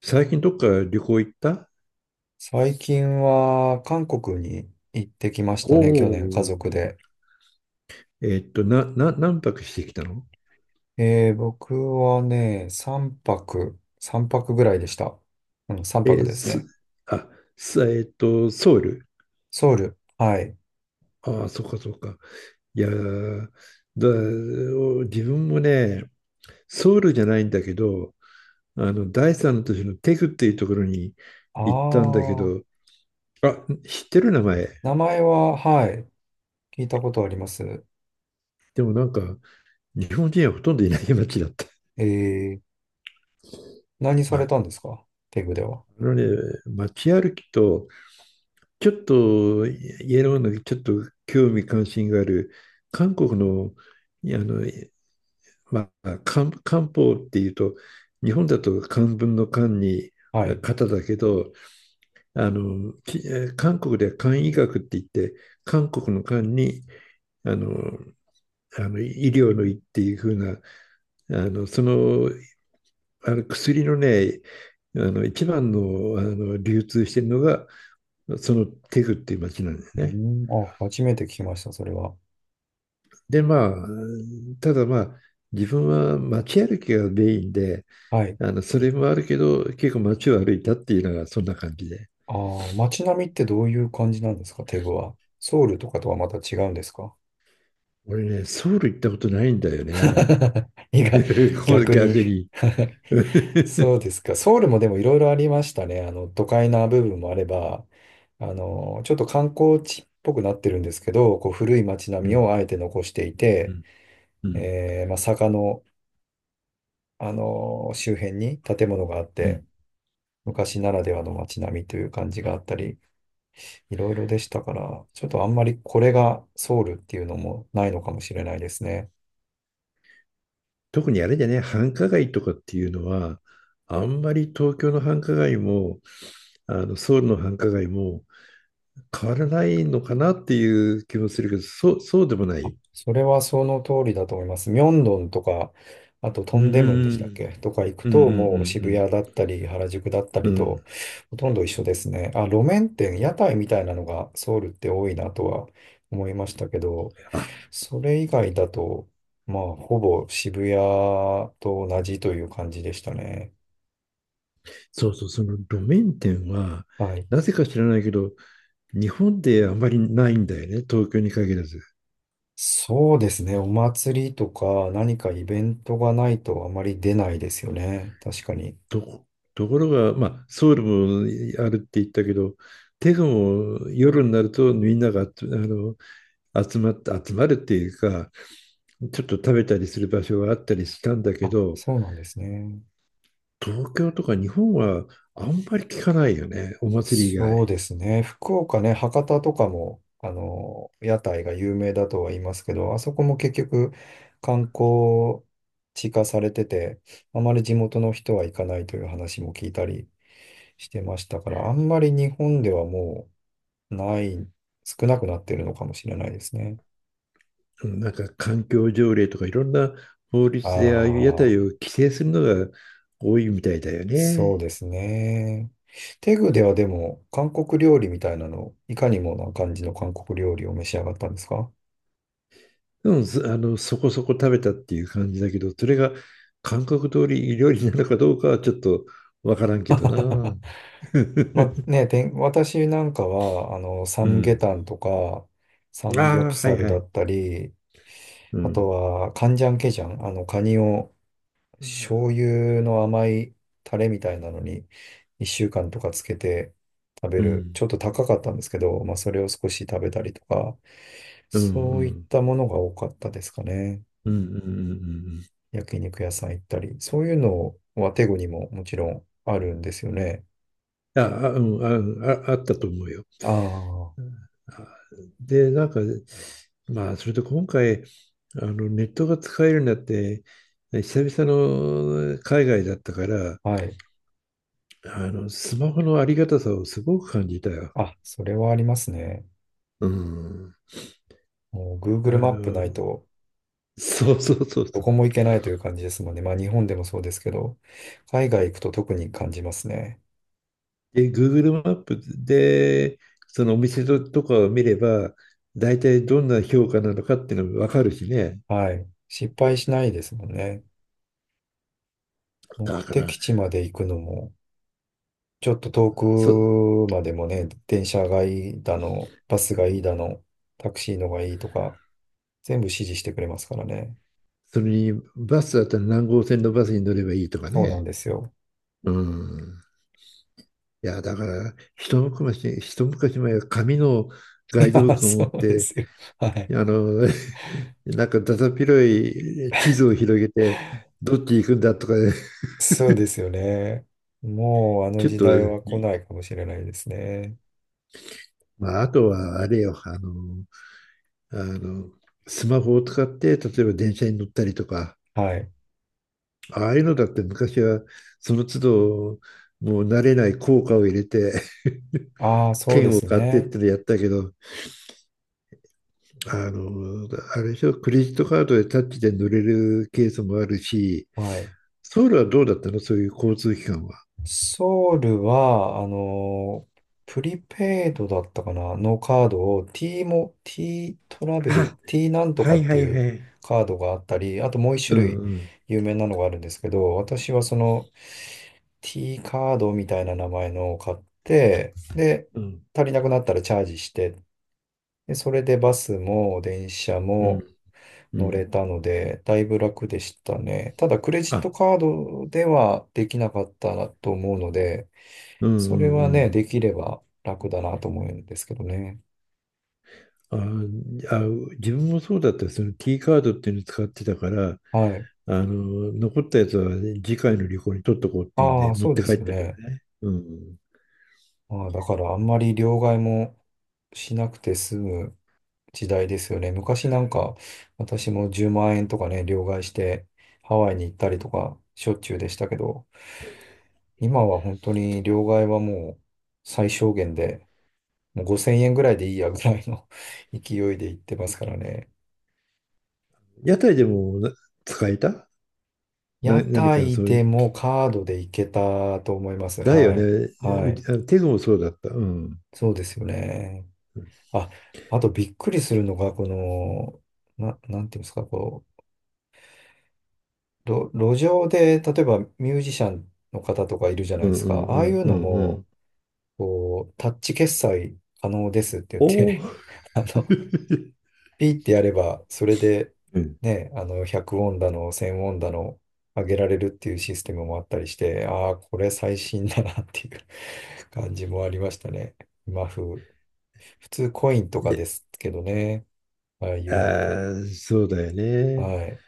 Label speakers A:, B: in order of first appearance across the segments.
A: 最近どっか旅行行った？
B: 最近は韓国に行ってきまし
A: お
B: たね、去
A: お
B: 年家
A: ー。
B: 族で。
A: 何泊してきたの？
B: 僕はね、3泊ぐらいでした。うん、3泊
A: え
B: です
A: す、
B: ね。
A: あ、す、えっと、ソウル。
B: ソウル。はい。
A: ああ、そっかそっか。いやー、だ、お自分もね、ソウルじゃないんだけど、第三の都市のテグっていうところに
B: あ
A: 行ったんだけ
B: あ、
A: ど、あ、知ってる名前。
B: 名前は、はい、聞いたことあります。
A: でもなんか、日本人はほとんどいない街だった。
B: えー、何さ
A: ま
B: れ
A: あ、
B: たんですかテグでは？
A: あのね、街歩きと、ちょっとイエローのちょっと興味関心がある韓国の、あの、まあ、漢方っていうと日本だと漢文の漢に
B: はい。
A: 方だけど、あのき韓国では漢医学って言って、韓国の漢にあの医療の医っていう風な、あのその、薬のね、一番の、流通してるのがそのテグっていう町なんです
B: う
A: ね。
B: ん、あ、初めて聞きました、それは。
A: で、まあ、ただまあ、自分は街歩きがメインで、
B: はい。
A: それもあるけど、結構街を歩いたっていうのがそんな感じで。
B: ああ、街並みってどういう感じなんですかテグは？ソウルとかとはまた違うんですか？
A: 俺ね、ソウル行ったことないんだよね。
B: 意外、
A: これ
B: 逆に。
A: 逆に。う
B: そうですか。ソウルもでもいろいろありましたね。あの、都会な部分もあれば、あの、ちょっと観光地っぽくなってるんですけど、こう古い街並みを
A: ん。
B: あえて残してい
A: う
B: て、
A: んうん。
B: まあ、坂の、あの、周辺に建物があっ
A: う
B: て、
A: ん。
B: 昔ならではの街並みという感じがあったり、いろいろでしたから、ちょっとあんまりこれがソウルっていうのもないのかもしれないですね。
A: 特にあれだね、繁華街とかっていうのは、あんまり東京の繁華街も、ソウルの繁華街も変わらないのかなっていう気もするけど、そう、そうでもな
B: あ、
A: い。
B: それはその通りだと思います。ミョンドンとか、あとト
A: うんう
B: ンデムンでしたっ
A: ん
B: けとか行く
A: うんう
B: と、もう渋
A: ん
B: 谷だったり、原宿だった
A: う
B: り
A: んうん。う
B: と、
A: ん。
B: ほとんど一緒ですね。あ、路面店、屋台みたいなのがソウルって多いなとは思いましたけど、
A: あ、
B: それ以外だと、まあ、ほぼ渋谷と同じという感じでしたね。
A: そうそう、その路面店は、
B: はい。
A: なぜか知らないけど、日本であまりないんだよね、東京に限らず。
B: そうですね。お祭りとか何かイベントがないとあまり出ないですよね。確かに。
A: と、ところが、まあ、ソウルもあるって言ったけど、テグも夜になるとみんなが集あの集まって集まるっていうか、ちょっと食べたりする場所があったりしたんだけ
B: あ、
A: ど、
B: そうなんですね。
A: 東京とか日本はあんまり聞かないよね、お祭り以外。
B: そうですね。福岡ね、博多とかも、あの、屋台が有名だとは言いますけど、あそこも結局観光地化されてて、あまり地元の人は行かないという話も聞いたりしてましたから、あんまり日本ではもうない、少なくなってるのかもしれないですね。
A: なんか環境条例とかいろんな法律でああいう屋
B: ああ、
A: 台を規制するのが多いみたいだよ
B: そう
A: ね。
B: ですね。テグではでも、韓国料理みたいなの、いかにもな感じの韓国料理を召し上がったんですか？
A: でもずあのそこそこ食べたっていう感じだけど、それが韓国通り料理なのかどうかはちょっとわからんけどな。
B: まあ ね、私なんかは、あの、サ
A: う
B: ムゲ
A: ん。
B: タンとか、サ
A: あ
B: ムギョプ
A: あ、は
B: サ
A: い
B: ル
A: は
B: だ
A: い。
B: ったり、
A: う
B: あと
A: ん。
B: は、カンジャンケジャン、あの、カニを醤油の甘いタレみたいなのに、1週間とかつけて食べ
A: う
B: る、
A: ん。
B: ちょっと高かったんですけど、まあ、それを少し食べたりとか、
A: うんう
B: そういっ
A: ん。
B: たものが多かったですかね。
A: うんうんうん
B: 焼肉屋さん行ったり、そういうのはテゴにももちろんあるんですよね。
A: うん。うん、あったと思うよ。
B: ああ、は
A: で、なんか、まあ、それと今回、ネットが使えるようになって、久々の海外だったから、
B: い。
A: スマホのありがたさをすごく感じたよ。
B: あ、それはありますね。
A: うん。
B: もう
A: あ
B: Google マップ
A: の、
B: ないと
A: そうそうそう
B: ど
A: そう。
B: こも行けないという感じですもんね。まあ日本でもそうですけど、海外行くと特に感じますね。
A: で、Google マップで、そのお店とかを見れば、大体どんな評価なのかっていうのも分かるしね。
B: はい。失敗しないですもんね。目
A: だか
B: 的
A: ら、
B: 地まで行くのも、ちょっと遠
A: そ、
B: くまでもね、電車がいいだの、バスがいいだの、タクシーのがいいとか、全部指示してくれますからね。
A: それにバスだったら何号線のバスに乗ればいいとか
B: そうな
A: ね。
B: んですよ。
A: うん。いや、だから、一昔前は紙の ガ
B: い
A: イドブ
B: や、
A: ックを
B: そ
A: 持っ
B: うで
A: て、
B: すよ。はい。
A: あの、なんかだだっ広い地図を広げて、どっち行くんだとか、
B: そうですよね。もうあの
A: ちょっ
B: 時
A: と、
B: 代は来ないかもしれないですね。
A: まあ、あとはあれよ、あの、スマホを使って、例えば電車に乗ったりとか、
B: はい。
A: ああいうのだって昔は、その都度、もう慣れない効果を入れて、
B: ああ、そうで
A: 券を
B: す
A: 買ってっ
B: ね。
A: てのやったけど、あの、あれでしょ、クレジットカードでタッチで乗れるケースもあるし、
B: はい。
A: ソウルはどうだったの、そういう交通機関は。
B: ソウルは、プリペイドだったかなのカードを T も、T ト ラベル、
A: あ、
B: T なんと
A: は
B: か
A: い
B: っ
A: は
B: て
A: い
B: いう
A: はい。
B: カードがあったり、あともう一
A: う
B: 種
A: ん
B: 類
A: うん
B: 有名なのがあるんですけど、私はその T カードみたいな名前のを買って、で、
A: うん
B: 足りなくなったらチャージして、で、それでバスも電車
A: う
B: も、
A: んう
B: 乗れ
A: ん。
B: たので、だいぶ楽でしたね。ただ、クレジット
A: あ
B: カードではできなかったなと思うので、
A: うんうん
B: それ
A: う
B: はね、
A: ん。
B: できれば楽だなと思うんですけどね。
A: ああ自分もそうだった、その T カードっていうの使ってたから、
B: はい。
A: 残ったやつは次回の旅行に取っとこうっていうん
B: あ
A: で
B: あ、
A: 持っ
B: そう
A: て
B: で
A: 帰
B: す
A: った
B: よ
A: けど
B: ね。
A: ね、うん、
B: ああ、だからあんまり両替もしなくて済む時代ですよね。昔なんか私も10万円とかね、両替してハワイに行ったりとかしょっちゅうでしたけど、今は本当に両替はもう最小限でもう5000円ぐらいでいいやぐらいの 勢いで行ってますからね。
A: 屋台でも使えた、
B: 屋
A: 何か
B: 台
A: そう
B: で
A: いう
B: もカードで行けたと思います。
A: だよ
B: は
A: ね。
B: い。は
A: う
B: い。
A: ち、テゾもそうだった。うん。
B: そうですよね。あ、あとびっくりするのが、この、なんていうんですか、こう、路上で、例えばミュージシャンの方とかいるじゃない
A: う
B: で
A: んう
B: すか。
A: ん
B: あ
A: う
B: あい
A: ん
B: う
A: う
B: の
A: んう
B: も、
A: ん。
B: こう、タッチ決済可能ですって言っ
A: おお。
B: て あの、ピーってやれば、それで、
A: うん。
B: ね、あの、100ウォンだの、1000ウォンだの、上げられるっていうシステムもあったりして、ああ、これ最新だなっていう 感じもありましたね。今風。普通コインと
A: い
B: か
A: や、
B: ですけどね、ああい
A: あ
B: うのって。
A: ー、そうだよね。
B: はい。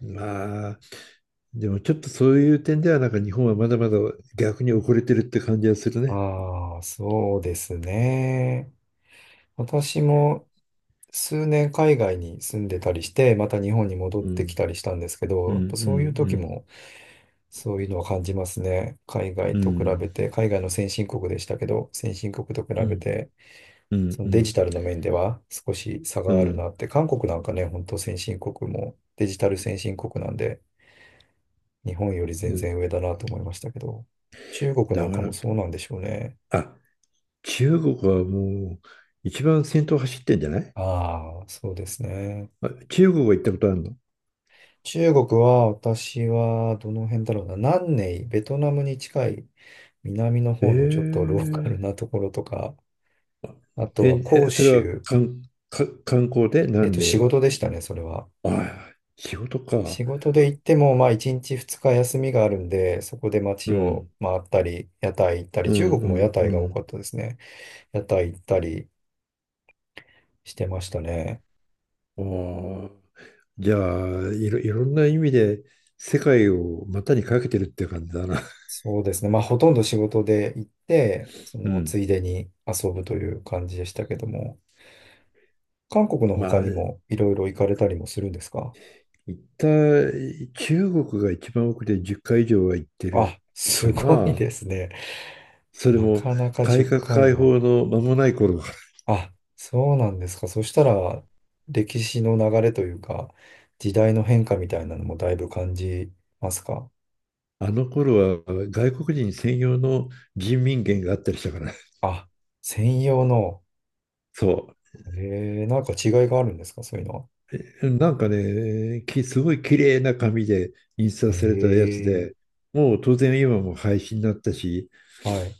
A: まあ、でもちょっとそういう点では、なんか日本はまだまだ逆に遅れてるって感じはするね。
B: ああ、そうですね。私も数年海外に住んでたりして、また日本に戻っ
A: う
B: てき
A: ん。
B: たりしたんですけ
A: う
B: ど、
A: ん
B: やっぱそういう
A: う
B: 時
A: んう
B: もそういうのは感じますね。海外
A: んう
B: と比べ
A: ん
B: て、海外の先進国でしたけど、先進国と比
A: う
B: べ
A: ん
B: て、
A: う
B: そのデ
A: ん
B: ジタルの面では少し差
A: う
B: があるな
A: ん
B: って、韓国なんかね、本当先進国もデジタル先進国なんで、日本より
A: う
B: 全
A: ん。
B: 然上だなと思いましたけど、中国な
A: だ
B: ん
A: か
B: か
A: ら、
B: もそうなんでしょうね。
A: あ、中国はもう一番先頭走ってんじゃない？
B: ああ、そうですね。
A: 中国は行ったことあるの？
B: 中国は私はどの辺だろうな、南寧、ベトナムに近い南の
A: え
B: 方のちょっとローカル
A: え
B: なところとか、あと
A: え、
B: は広
A: それは、
B: 州、
A: かんか観光で？何例
B: 仕
A: は。
B: 事でしたね、それは。
A: ああ、仕事か。
B: 仕事で行っても、まあ、1日2日休みがあるんで、そこで
A: う
B: 街を
A: ん、
B: 回ったり、屋台行ったり、
A: う
B: 中国も屋
A: ん、
B: 台
A: う
B: が多
A: ん、
B: かったですね。屋台行ったりしてましたね。
A: うん。ああ、じゃあ、いろんな意味で世界を股にかけてるっていう感じだな。
B: そうですね。まあ、ほとんど仕事で行って、そ
A: う
B: の、つ
A: ん。
B: いでに遊ぶという感じでしたけども、韓国の他
A: まあ、
B: にもいろいろ行かれたりもするんですか？
A: 行った、中国が一番奥で10回以上は行って
B: あ、
A: るか
B: すごい
A: な。
B: ですね。
A: それ
B: な
A: も
B: かなか
A: 改
B: 10
A: 革
B: 回
A: 開
B: は。
A: 放の間もない頃。
B: あ、そうなんですか。そしたら、歴史の流れというか、時代の変化みたいなのもだいぶ感じますか？
A: あの頃は外国人専用の人民元があったりしたから。
B: あ、専用の、
A: そう。
B: なんか違いがあるんですかそういうのは？
A: なんかね、すごい綺麗な紙で印刷されたやつで、
B: え
A: もう当然今も廃止になったし、
B: はい。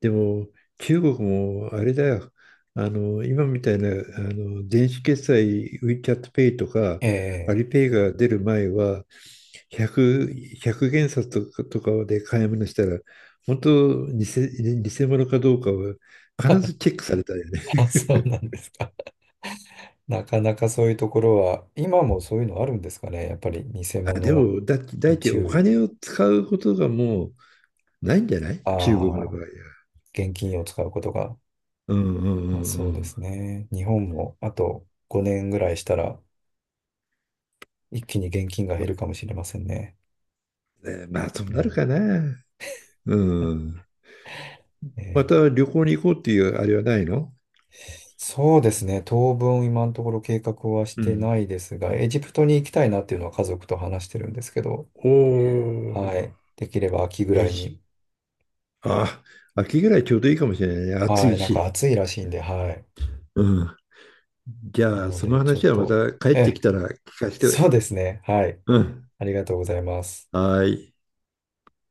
A: でも中国もあれだよ、今みたいな、電子決済 WeChat Pay とか
B: え
A: ア
B: え。
A: リペイが出る前は、100、1元札とかとかで買い物したら、本当偽物かどうかは必ずチェックされたよね。
B: あ、そうなんですか。なかなかそういうところは、今もそういうのあるんですかね。やっぱり偽
A: で
B: 物
A: も、だいい
B: に
A: ち、お
B: 注意。
A: 金を使うことがもう、ないんじゃない、
B: あ
A: 中国の場
B: あ、
A: 合は。
B: 現金を使うことが、
A: うんう
B: まあ
A: んう
B: そうです
A: ん
B: ね。日本もあと5年ぐらいしたら、一気に現金が減るかもしれませんね。
A: うん。ね、まあ、そう
B: う
A: なる
B: ん、
A: かな。うん。
B: え
A: ま
B: ー
A: た旅行に行こうっていうあれはないの？
B: そうですね。当分今のところ計画はし
A: う
B: て
A: ん。
B: ないですが、エジプトに行きたいなっていうのは家族と話してるんですけど、
A: お
B: はい。
A: ー、
B: できれば秋ぐ
A: エ
B: らい
A: ジプ
B: に。
A: ト。あ、秋ぐらいちょうどいいかもしれないね。暑
B: は
A: い
B: い。なんか
A: し。
B: 暑いらしいんで、はい。
A: うん。じ
B: な
A: ゃあ、
B: の
A: その
B: で、ちょっ
A: 話はま
B: と、
A: た帰
B: え
A: ってき
B: え、
A: たら聞かせて。
B: そうですね。はい。
A: うん。
B: ありがとうございます。
A: はーい。